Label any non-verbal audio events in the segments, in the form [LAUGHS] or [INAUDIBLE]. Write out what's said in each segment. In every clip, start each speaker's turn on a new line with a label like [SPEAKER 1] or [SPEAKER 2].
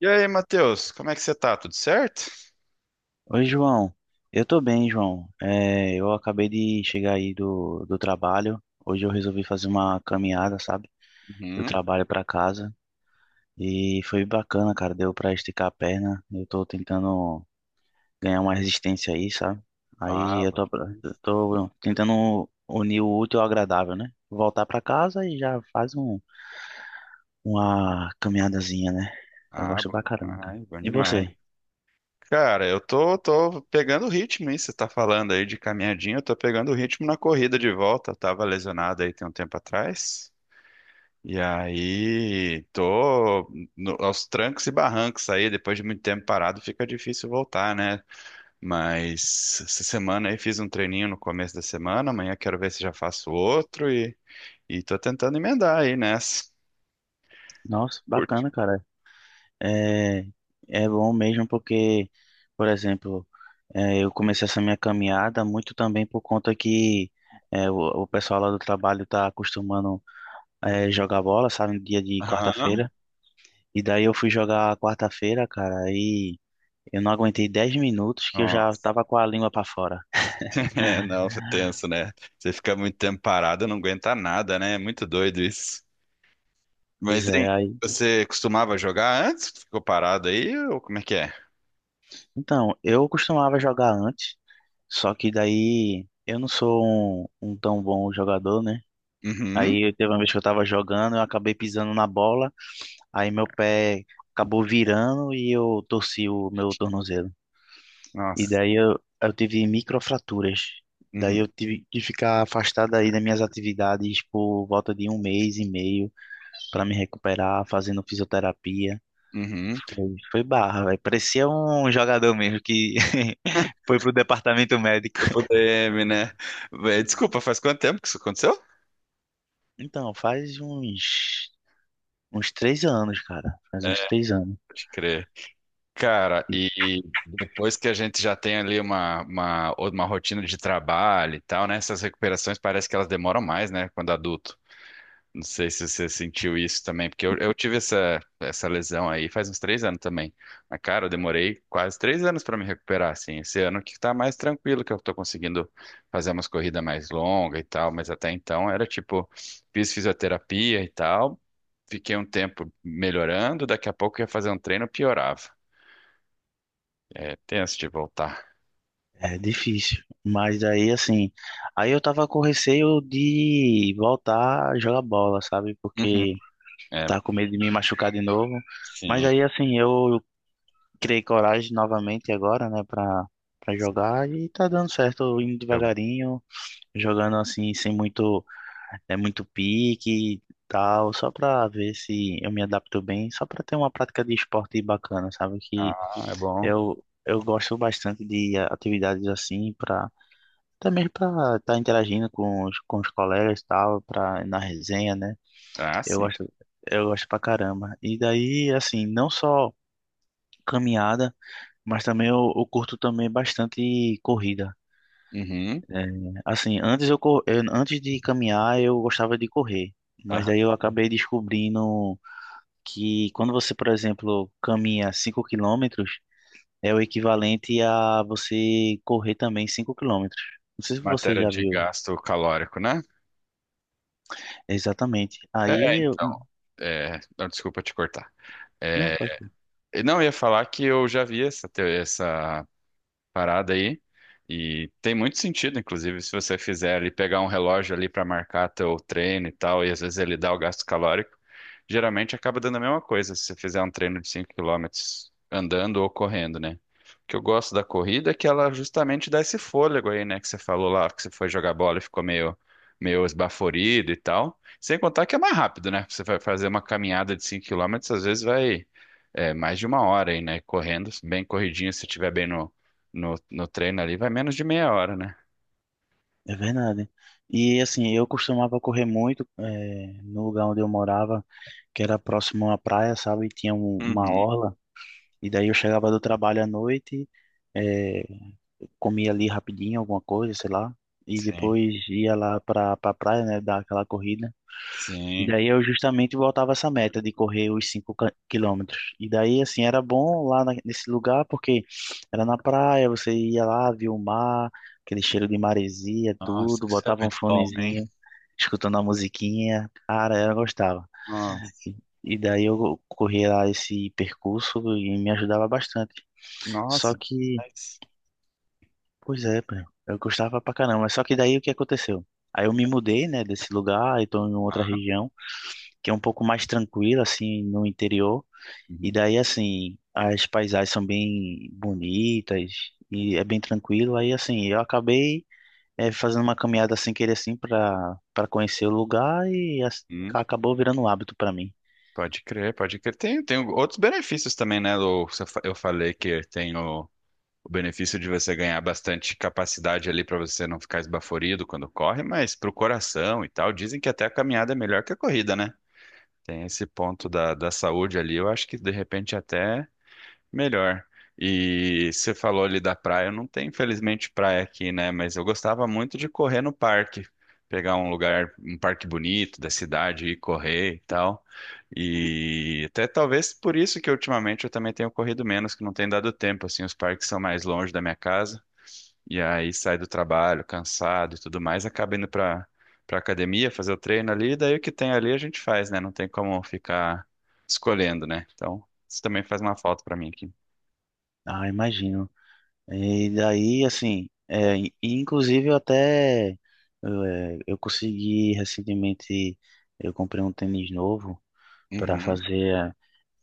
[SPEAKER 1] E aí, Matheus, como é que você tá? Tudo certo?
[SPEAKER 2] Oi, João. Eu tô bem, João. É, eu acabei de chegar aí do trabalho. Hoje eu resolvi fazer uma caminhada, sabe? Do
[SPEAKER 1] Uhum.
[SPEAKER 2] trabalho pra casa. E foi bacana, cara. Deu pra esticar a perna. Eu tô tentando ganhar uma resistência aí, sabe?
[SPEAKER 1] Ah,
[SPEAKER 2] Aí
[SPEAKER 1] bom
[SPEAKER 2] eu
[SPEAKER 1] demais.
[SPEAKER 2] tô tentando unir o útil ao agradável, né? Voltar pra casa e já faz uma caminhadazinha, né? Eu
[SPEAKER 1] Ah,
[SPEAKER 2] gosto
[SPEAKER 1] bom
[SPEAKER 2] pra caramba, cara.
[SPEAKER 1] demais, bom
[SPEAKER 2] E
[SPEAKER 1] demais.
[SPEAKER 2] você?
[SPEAKER 1] Cara, eu tô pegando o ritmo, hein? Você tá falando aí de caminhadinha, eu tô pegando o ritmo na corrida de volta. Eu tava lesionado aí tem um tempo atrás. E aí, tô aos trancos e barrancos aí, depois de muito tempo parado, fica difícil voltar, né? Mas essa semana aí fiz um treininho no começo da semana, amanhã quero ver se já faço outro e tô tentando emendar aí nessa.
[SPEAKER 2] Nossa,
[SPEAKER 1] Curte.
[SPEAKER 2] bacana, cara. É, É bom mesmo porque, por exemplo, eu comecei essa minha caminhada muito também por conta que é, o, o pessoal lá do trabalho tá acostumando, jogar bola, sabe, no dia de
[SPEAKER 1] Aham.
[SPEAKER 2] quarta-feira. E daí eu fui jogar quarta-feira, cara, aí eu não aguentei 10 minutos que eu já
[SPEAKER 1] Nossa.
[SPEAKER 2] tava com a língua pra fora.
[SPEAKER 1] [LAUGHS] É, não, é tenso, né? Você fica muito tempo parado, não aguenta nada, né? É muito doido isso.
[SPEAKER 2] Pois
[SPEAKER 1] Mas, hein,
[SPEAKER 2] é, aí.
[SPEAKER 1] você costumava jogar antes? Ficou parado aí? Ou como é que é?
[SPEAKER 2] Então, eu costumava jogar antes, só que daí eu não sou um tão bom jogador, né?
[SPEAKER 1] Uhum.
[SPEAKER 2] Aí teve uma vez que eu tava jogando, eu acabei pisando na bola, aí meu pé acabou virando e eu torci o meu tornozelo. E
[SPEAKER 1] Nossa.
[SPEAKER 2] daí eu tive microfraturas. Daí
[SPEAKER 1] Uhum.
[SPEAKER 2] eu tive que ficar afastado aí das minhas atividades por volta de 1 mês e meio para me recuperar, fazendo fisioterapia.
[SPEAKER 1] Uhum.
[SPEAKER 2] Foi barra, velho. Parecia um jogador mesmo que [LAUGHS] foi pro departamento médico.
[SPEAKER 1] O DM, né? Vé, desculpa, faz quanto tempo que isso aconteceu?
[SPEAKER 2] Então, faz uns 3 anos, cara. Faz
[SPEAKER 1] É,
[SPEAKER 2] uns 3 anos.
[SPEAKER 1] pode crer. Cara, e depois que a gente já tem ali uma rotina de trabalho e tal, né? Essas recuperações parece que elas demoram mais, né? Quando adulto. Não sei se você sentiu isso também, porque eu tive essa lesão aí faz uns 3 anos também. Mas, cara, eu demorei quase 3 anos para me recuperar, assim. Esse ano que tá mais tranquilo, que eu tô conseguindo fazer umas corridas mais longas e tal, mas até então era tipo, fiz fisioterapia e tal, fiquei um tempo melhorando, daqui a pouco eu ia fazer um treino, piorava. É tenso de voltar.
[SPEAKER 2] É difícil. Mas aí, assim, aí eu tava com receio de voltar a jogar bola, sabe?
[SPEAKER 1] Uhum.
[SPEAKER 2] Porque
[SPEAKER 1] É,
[SPEAKER 2] tava com medo de me machucar de novo. Mas
[SPEAKER 1] sim.
[SPEAKER 2] aí, assim, eu criei coragem novamente agora, né, pra jogar e tá dando certo, eu indo
[SPEAKER 1] Eu-
[SPEAKER 2] devagarinho, jogando assim, sem muito, é muito pique e tal, só pra ver se eu me adapto bem, só pra ter uma prática de esporte bacana, sabe?
[SPEAKER 1] Ah,
[SPEAKER 2] Que
[SPEAKER 1] é bom.
[SPEAKER 2] eu gosto bastante de atividades assim, pra até mesmo para estar interagindo com os colegas e tal, pra, na resenha, né?
[SPEAKER 1] Ah,
[SPEAKER 2] Eu
[SPEAKER 1] sim.
[SPEAKER 2] gosto, eu gosto pra caramba. E daí, assim, não só caminhada, mas também eu curto também bastante corrida.
[SPEAKER 1] Uhum.
[SPEAKER 2] É, assim, antes, antes de caminhar, eu gostava de correr. Mas
[SPEAKER 1] Aham.
[SPEAKER 2] daí eu acabei descobrindo que quando você, por exemplo, caminha 5 quilômetros, é o equivalente a você correr também 5 quilômetros. Não sei se você
[SPEAKER 1] Matéria
[SPEAKER 2] já
[SPEAKER 1] de
[SPEAKER 2] viu.
[SPEAKER 1] gasto calórico, né?
[SPEAKER 2] Exatamente.
[SPEAKER 1] É,
[SPEAKER 2] Aí,
[SPEAKER 1] então, é, não, desculpa te cortar.
[SPEAKER 2] não,
[SPEAKER 1] É,
[SPEAKER 2] pode crer.
[SPEAKER 1] não, eu ia falar que eu já vi essa parada aí. E tem muito sentido, inclusive, se você fizer ali, pegar um relógio ali para marcar teu treino e tal, e às vezes ele dá o gasto calórico, geralmente acaba dando a mesma coisa se você fizer um treino de 5 quilômetros andando ou correndo, né? O que eu gosto da corrida é que ela justamente dá esse fôlego aí, né? Que você falou lá, que você foi jogar bola e ficou meio, meio esbaforido e tal. Sem contar que é mais rápido, né? Você vai fazer uma caminhada de 5 quilômetros às vezes vai é, mais de 1 hora aí, né? Correndo, bem corridinho, se estiver bem no, treino ali, vai menos de meia hora, né?
[SPEAKER 2] É verdade. E assim, eu costumava correr muito, no lugar onde eu morava, que era próximo à praia, sabe? E tinha uma
[SPEAKER 1] Uhum,
[SPEAKER 2] orla. E daí eu chegava do trabalho à noite, eh, comia ali rapidinho alguma coisa, sei lá. E
[SPEAKER 1] sim,
[SPEAKER 2] depois ia lá pra praia, né? Dar aquela corrida. E
[SPEAKER 1] sim.
[SPEAKER 2] daí eu justamente voltava essa meta de correr os 5 quilômetros. E daí, assim, era bom lá nesse lugar porque era na praia, você ia lá, via o mar, aquele cheiro de maresia,
[SPEAKER 1] Nossa,
[SPEAKER 2] tudo,
[SPEAKER 1] isso é
[SPEAKER 2] botava um
[SPEAKER 1] muito bom, hein?
[SPEAKER 2] fonezinho, escutando a musiquinha. Cara, eu gostava.
[SPEAKER 1] Nossa,
[SPEAKER 2] E daí eu corria lá esse percurso e me ajudava bastante.
[SPEAKER 1] nossa,
[SPEAKER 2] Só que,
[SPEAKER 1] demais.
[SPEAKER 2] pois é, pô, eu gostava pra caramba. Só que daí o que aconteceu? Aí eu me mudei, né, desse lugar, então em outra região que é um pouco mais tranquila, assim, no interior. E
[SPEAKER 1] Uhum.
[SPEAKER 2] daí, assim, as paisagens são bem bonitas e é bem tranquilo. Aí, assim, eu acabei, fazendo uma caminhada sem querer, assim, para conhecer o lugar e
[SPEAKER 1] Hum,
[SPEAKER 2] acabou virando um hábito para mim.
[SPEAKER 1] pode crer, pode crer. Tem, tem outros benefícios também, né, Lu? Você fa- Eu falei que tem o benefício de você ganhar bastante capacidade ali para você não ficar esbaforido quando corre, mas pro coração e tal, dizem que até a caminhada é melhor que a corrida, né? Tem esse ponto da saúde ali, eu acho que de repente até melhor. E você falou ali da praia, não tem infelizmente praia aqui, né? Mas eu gostava muito de correr no parque, pegar um lugar, um parque bonito da cidade, e correr e tal. E até talvez por isso que ultimamente eu também tenho corrido menos, que não tem dado tempo, assim, os parques são mais longe da minha casa. E aí sai do trabalho, cansado e tudo mais, acaba indo pra academia, fazer o treino ali, e daí o que tem ali a gente faz, né? Não tem como ficar escolhendo, né? Então, isso também faz uma falta pra mim aqui.
[SPEAKER 2] Ah, imagino. E daí, assim, e inclusive eu até, eu consegui recentemente, eu comprei um tênis novo para
[SPEAKER 1] Uhum,
[SPEAKER 2] fazer,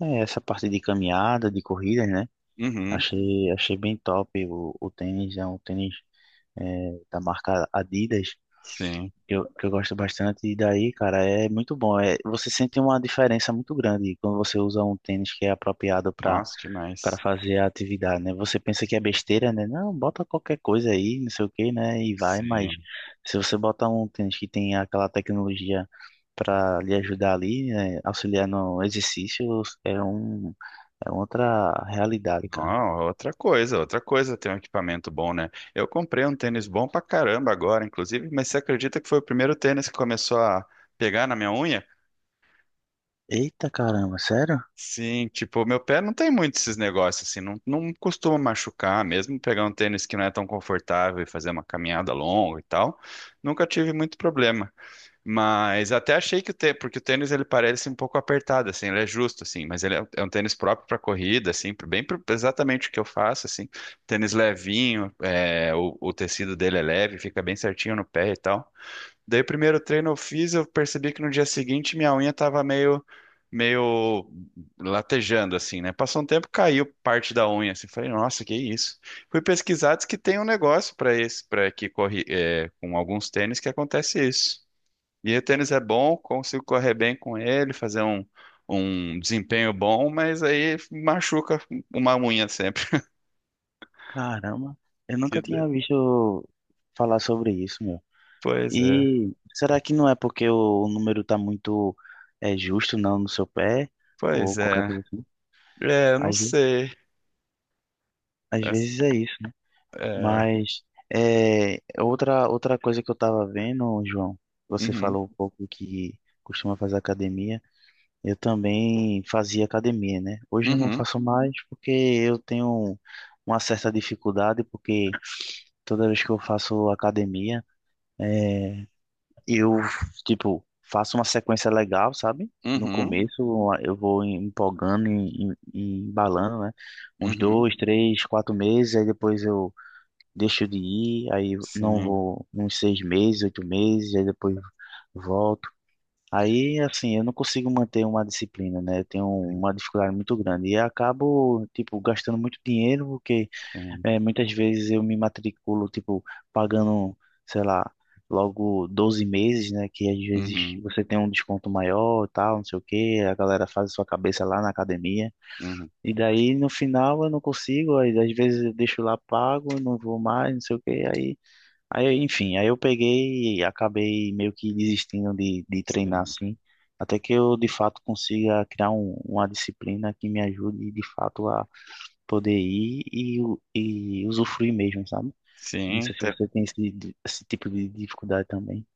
[SPEAKER 2] essa parte de caminhada, de corrida, né?
[SPEAKER 1] uhum,
[SPEAKER 2] Achei, achei bem top o tênis, é um tênis, da marca Adidas,
[SPEAKER 1] sim.
[SPEAKER 2] que eu gosto bastante, e daí, cara, é muito bom. É, você sente uma diferença muito grande quando você usa um tênis que é apropriado
[SPEAKER 1] Nossa,
[SPEAKER 2] para
[SPEAKER 1] demais.
[SPEAKER 2] fazer a atividade, né? Você pensa que é besteira, né? Não, bota qualquer coisa aí, não sei o que, né? E vai, mas
[SPEAKER 1] Sim.
[SPEAKER 2] se você bota um tênis que tem aquela tecnologia para lhe ajudar ali, né? Auxiliar no exercício, é um, é outra realidade, cara.
[SPEAKER 1] Não, outra coisa ter um equipamento bom, né? Eu comprei um tênis bom pra caramba agora, inclusive, mas você acredita que foi o primeiro tênis que começou a pegar na minha unha?
[SPEAKER 2] Eita caramba, sério?
[SPEAKER 1] Sim, tipo, meu pé não tem muito esses negócios, assim, não, não costuma machucar, mesmo pegar um tênis que não é tão confortável e fazer uma caminhada longa e tal, nunca tive muito problema. Mas até achei que o tênis, porque o tênis ele parece um pouco apertado, assim, ele é justo, assim, mas ele é um tênis próprio para corrida, assim, exatamente o que eu faço, assim, tênis levinho, é, o tecido dele é leve, fica bem certinho no pé e tal. Daí o primeiro treino eu fiz, eu percebi que no dia seguinte minha unha tava meio latejando, assim, né? Passou um tempo, caiu parte da unha, assim, falei, nossa, que isso? Fui pesquisar, diz que tem um negócio para esse, para que corre, é, com alguns tênis que acontece isso. E o tênis é bom, consigo correr bem com ele, fazer um desempenho bom, mas aí machuca uma unha sempre. [LAUGHS]
[SPEAKER 2] Caramba, eu
[SPEAKER 1] Que
[SPEAKER 2] nunca
[SPEAKER 1] de-
[SPEAKER 2] tinha visto falar sobre isso, meu.
[SPEAKER 1] Pois é,
[SPEAKER 2] E será que não é porque o número tá muito, justo, não, no seu pé? Ou
[SPEAKER 1] pois
[SPEAKER 2] qualquer
[SPEAKER 1] é.
[SPEAKER 2] coisa assim?
[SPEAKER 1] É, eu não
[SPEAKER 2] Às vezes,
[SPEAKER 1] sei.
[SPEAKER 2] às
[SPEAKER 1] É,
[SPEAKER 2] vezes é isso, né?
[SPEAKER 1] é,
[SPEAKER 2] Mas, outra coisa que eu tava vendo, João, você
[SPEAKER 1] uhum,
[SPEAKER 2] falou um pouco que costuma fazer academia. Eu também fazia academia, né? Hoje eu não
[SPEAKER 1] uhum,
[SPEAKER 2] faço mais porque eu tenho uma certa dificuldade, porque toda vez que eu faço academia, é, eu, tipo, faço uma sequência legal, sabe? No
[SPEAKER 1] uhum,
[SPEAKER 2] começo eu vou empolgando e embalando, né? Uns
[SPEAKER 1] uhum.
[SPEAKER 2] dois, três, 4 meses, aí depois eu deixo de ir, aí não
[SPEAKER 1] Sim,
[SPEAKER 2] vou uns 6 meses, 8 meses, aí depois volto. Aí, assim, eu não consigo manter uma disciplina, né? Eu tenho uma dificuldade muito grande e acabo, tipo, gastando muito dinheiro porque,
[SPEAKER 1] sim,
[SPEAKER 2] muitas vezes eu me matriculo, tipo, pagando, sei lá, logo 12 meses, né? Que às vezes
[SPEAKER 1] uhum,
[SPEAKER 2] você tem um desconto maior, e tal, não sei o quê, a galera faz a sua cabeça lá na academia.
[SPEAKER 1] uhum,
[SPEAKER 2] E daí no final eu não consigo, aí às vezes eu deixo lá pago, não vou mais, não sei o quê, aí enfim, aí eu peguei e acabei meio que desistindo de treinar
[SPEAKER 1] sim.
[SPEAKER 2] assim, até que eu de fato consiga criar uma disciplina que me ajude de fato poder ir e, e usufruir mesmo, sabe? Não
[SPEAKER 1] Sim,
[SPEAKER 2] sei se você tem esse tipo de dificuldade também.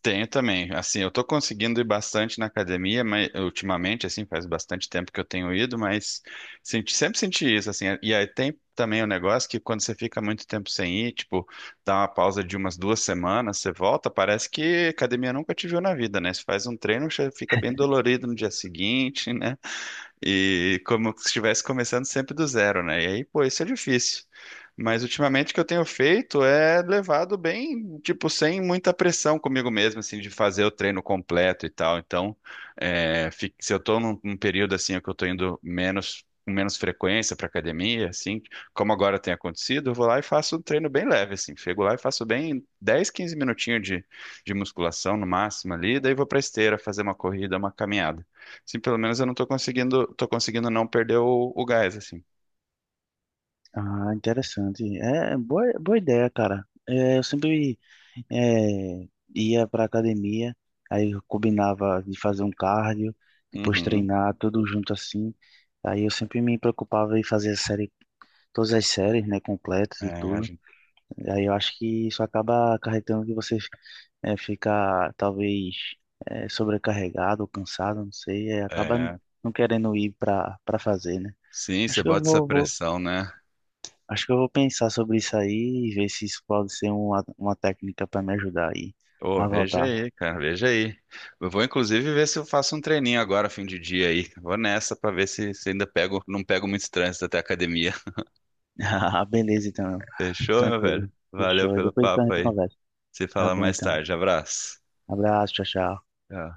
[SPEAKER 1] tenho também. Assim, eu tô conseguindo ir bastante na academia, mas ultimamente, assim, faz bastante tempo que eu tenho ido, mas sempre senti isso, assim. E aí tem também o negócio que quando você fica muito tempo sem ir, tipo, dá uma pausa de umas 2 semanas, você volta, parece que academia nunca te viu na vida, né? Você faz um treino, você fica bem dolorido no dia seguinte, né? E como se estivesse começando sempre do zero, né? E aí, pô, isso é difícil. Mas ultimamente o que eu tenho feito é levado bem, tipo, sem muita pressão comigo mesmo, assim, de fazer o treino completo e tal. Então, é, se eu tô num período assim, que eu tô indo menos, com menos frequência pra academia, assim, como agora tem acontecido, eu vou lá e faço um treino bem leve, assim. Chego lá e faço bem 10, 15 minutinhos de musculação no máximo ali, daí vou pra esteira fazer uma corrida, uma caminhada. Sim, pelo menos eu não tô conseguindo, tô conseguindo não perder o gás, assim.
[SPEAKER 2] Ah, interessante. É, é boa ideia, cara. É, eu sempre, é, ia pra academia, aí eu combinava de fazer um cardio, depois
[SPEAKER 1] Uhum.
[SPEAKER 2] treinar, tudo junto assim. Aí eu sempre me preocupava em fazer a série, todas as séries, né, completas e
[SPEAKER 1] É, a
[SPEAKER 2] tudo.
[SPEAKER 1] gente-
[SPEAKER 2] E aí eu acho que isso acaba acarretando que você, fica talvez, sobrecarregado ou cansado, não sei, e acaba
[SPEAKER 1] é.
[SPEAKER 2] não querendo ir para fazer, né?
[SPEAKER 1] Sim,
[SPEAKER 2] Acho
[SPEAKER 1] você
[SPEAKER 2] que eu
[SPEAKER 1] bota essa
[SPEAKER 2] vou, vou-
[SPEAKER 1] pressão, né?
[SPEAKER 2] acho que eu vou pensar sobre isso aí e ver se isso pode ser uma técnica para me ajudar aí
[SPEAKER 1] Ô,
[SPEAKER 2] a
[SPEAKER 1] veja
[SPEAKER 2] voltar.
[SPEAKER 1] aí, cara, veja aí. Eu vou inclusive ver se eu faço um treininho agora, fim de dia aí. Vou nessa pra ver se ainda pego, não pego muito trânsito até a academia.
[SPEAKER 2] [LAUGHS] Beleza, então.
[SPEAKER 1] [LAUGHS] Fechou, meu velho?
[SPEAKER 2] Tranquilo.
[SPEAKER 1] Valeu
[SPEAKER 2] Fechou. E
[SPEAKER 1] pelo
[SPEAKER 2] depois então a
[SPEAKER 1] papo
[SPEAKER 2] gente
[SPEAKER 1] aí.
[SPEAKER 2] conversa.
[SPEAKER 1] Se
[SPEAKER 2] Tá
[SPEAKER 1] fala
[SPEAKER 2] bom,
[SPEAKER 1] mais
[SPEAKER 2] então.
[SPEAKER 1] tarde. Abraço.
[SPEAKER 2] Abraço, tchau, tchau.
[SPEAKER 1] Tchau.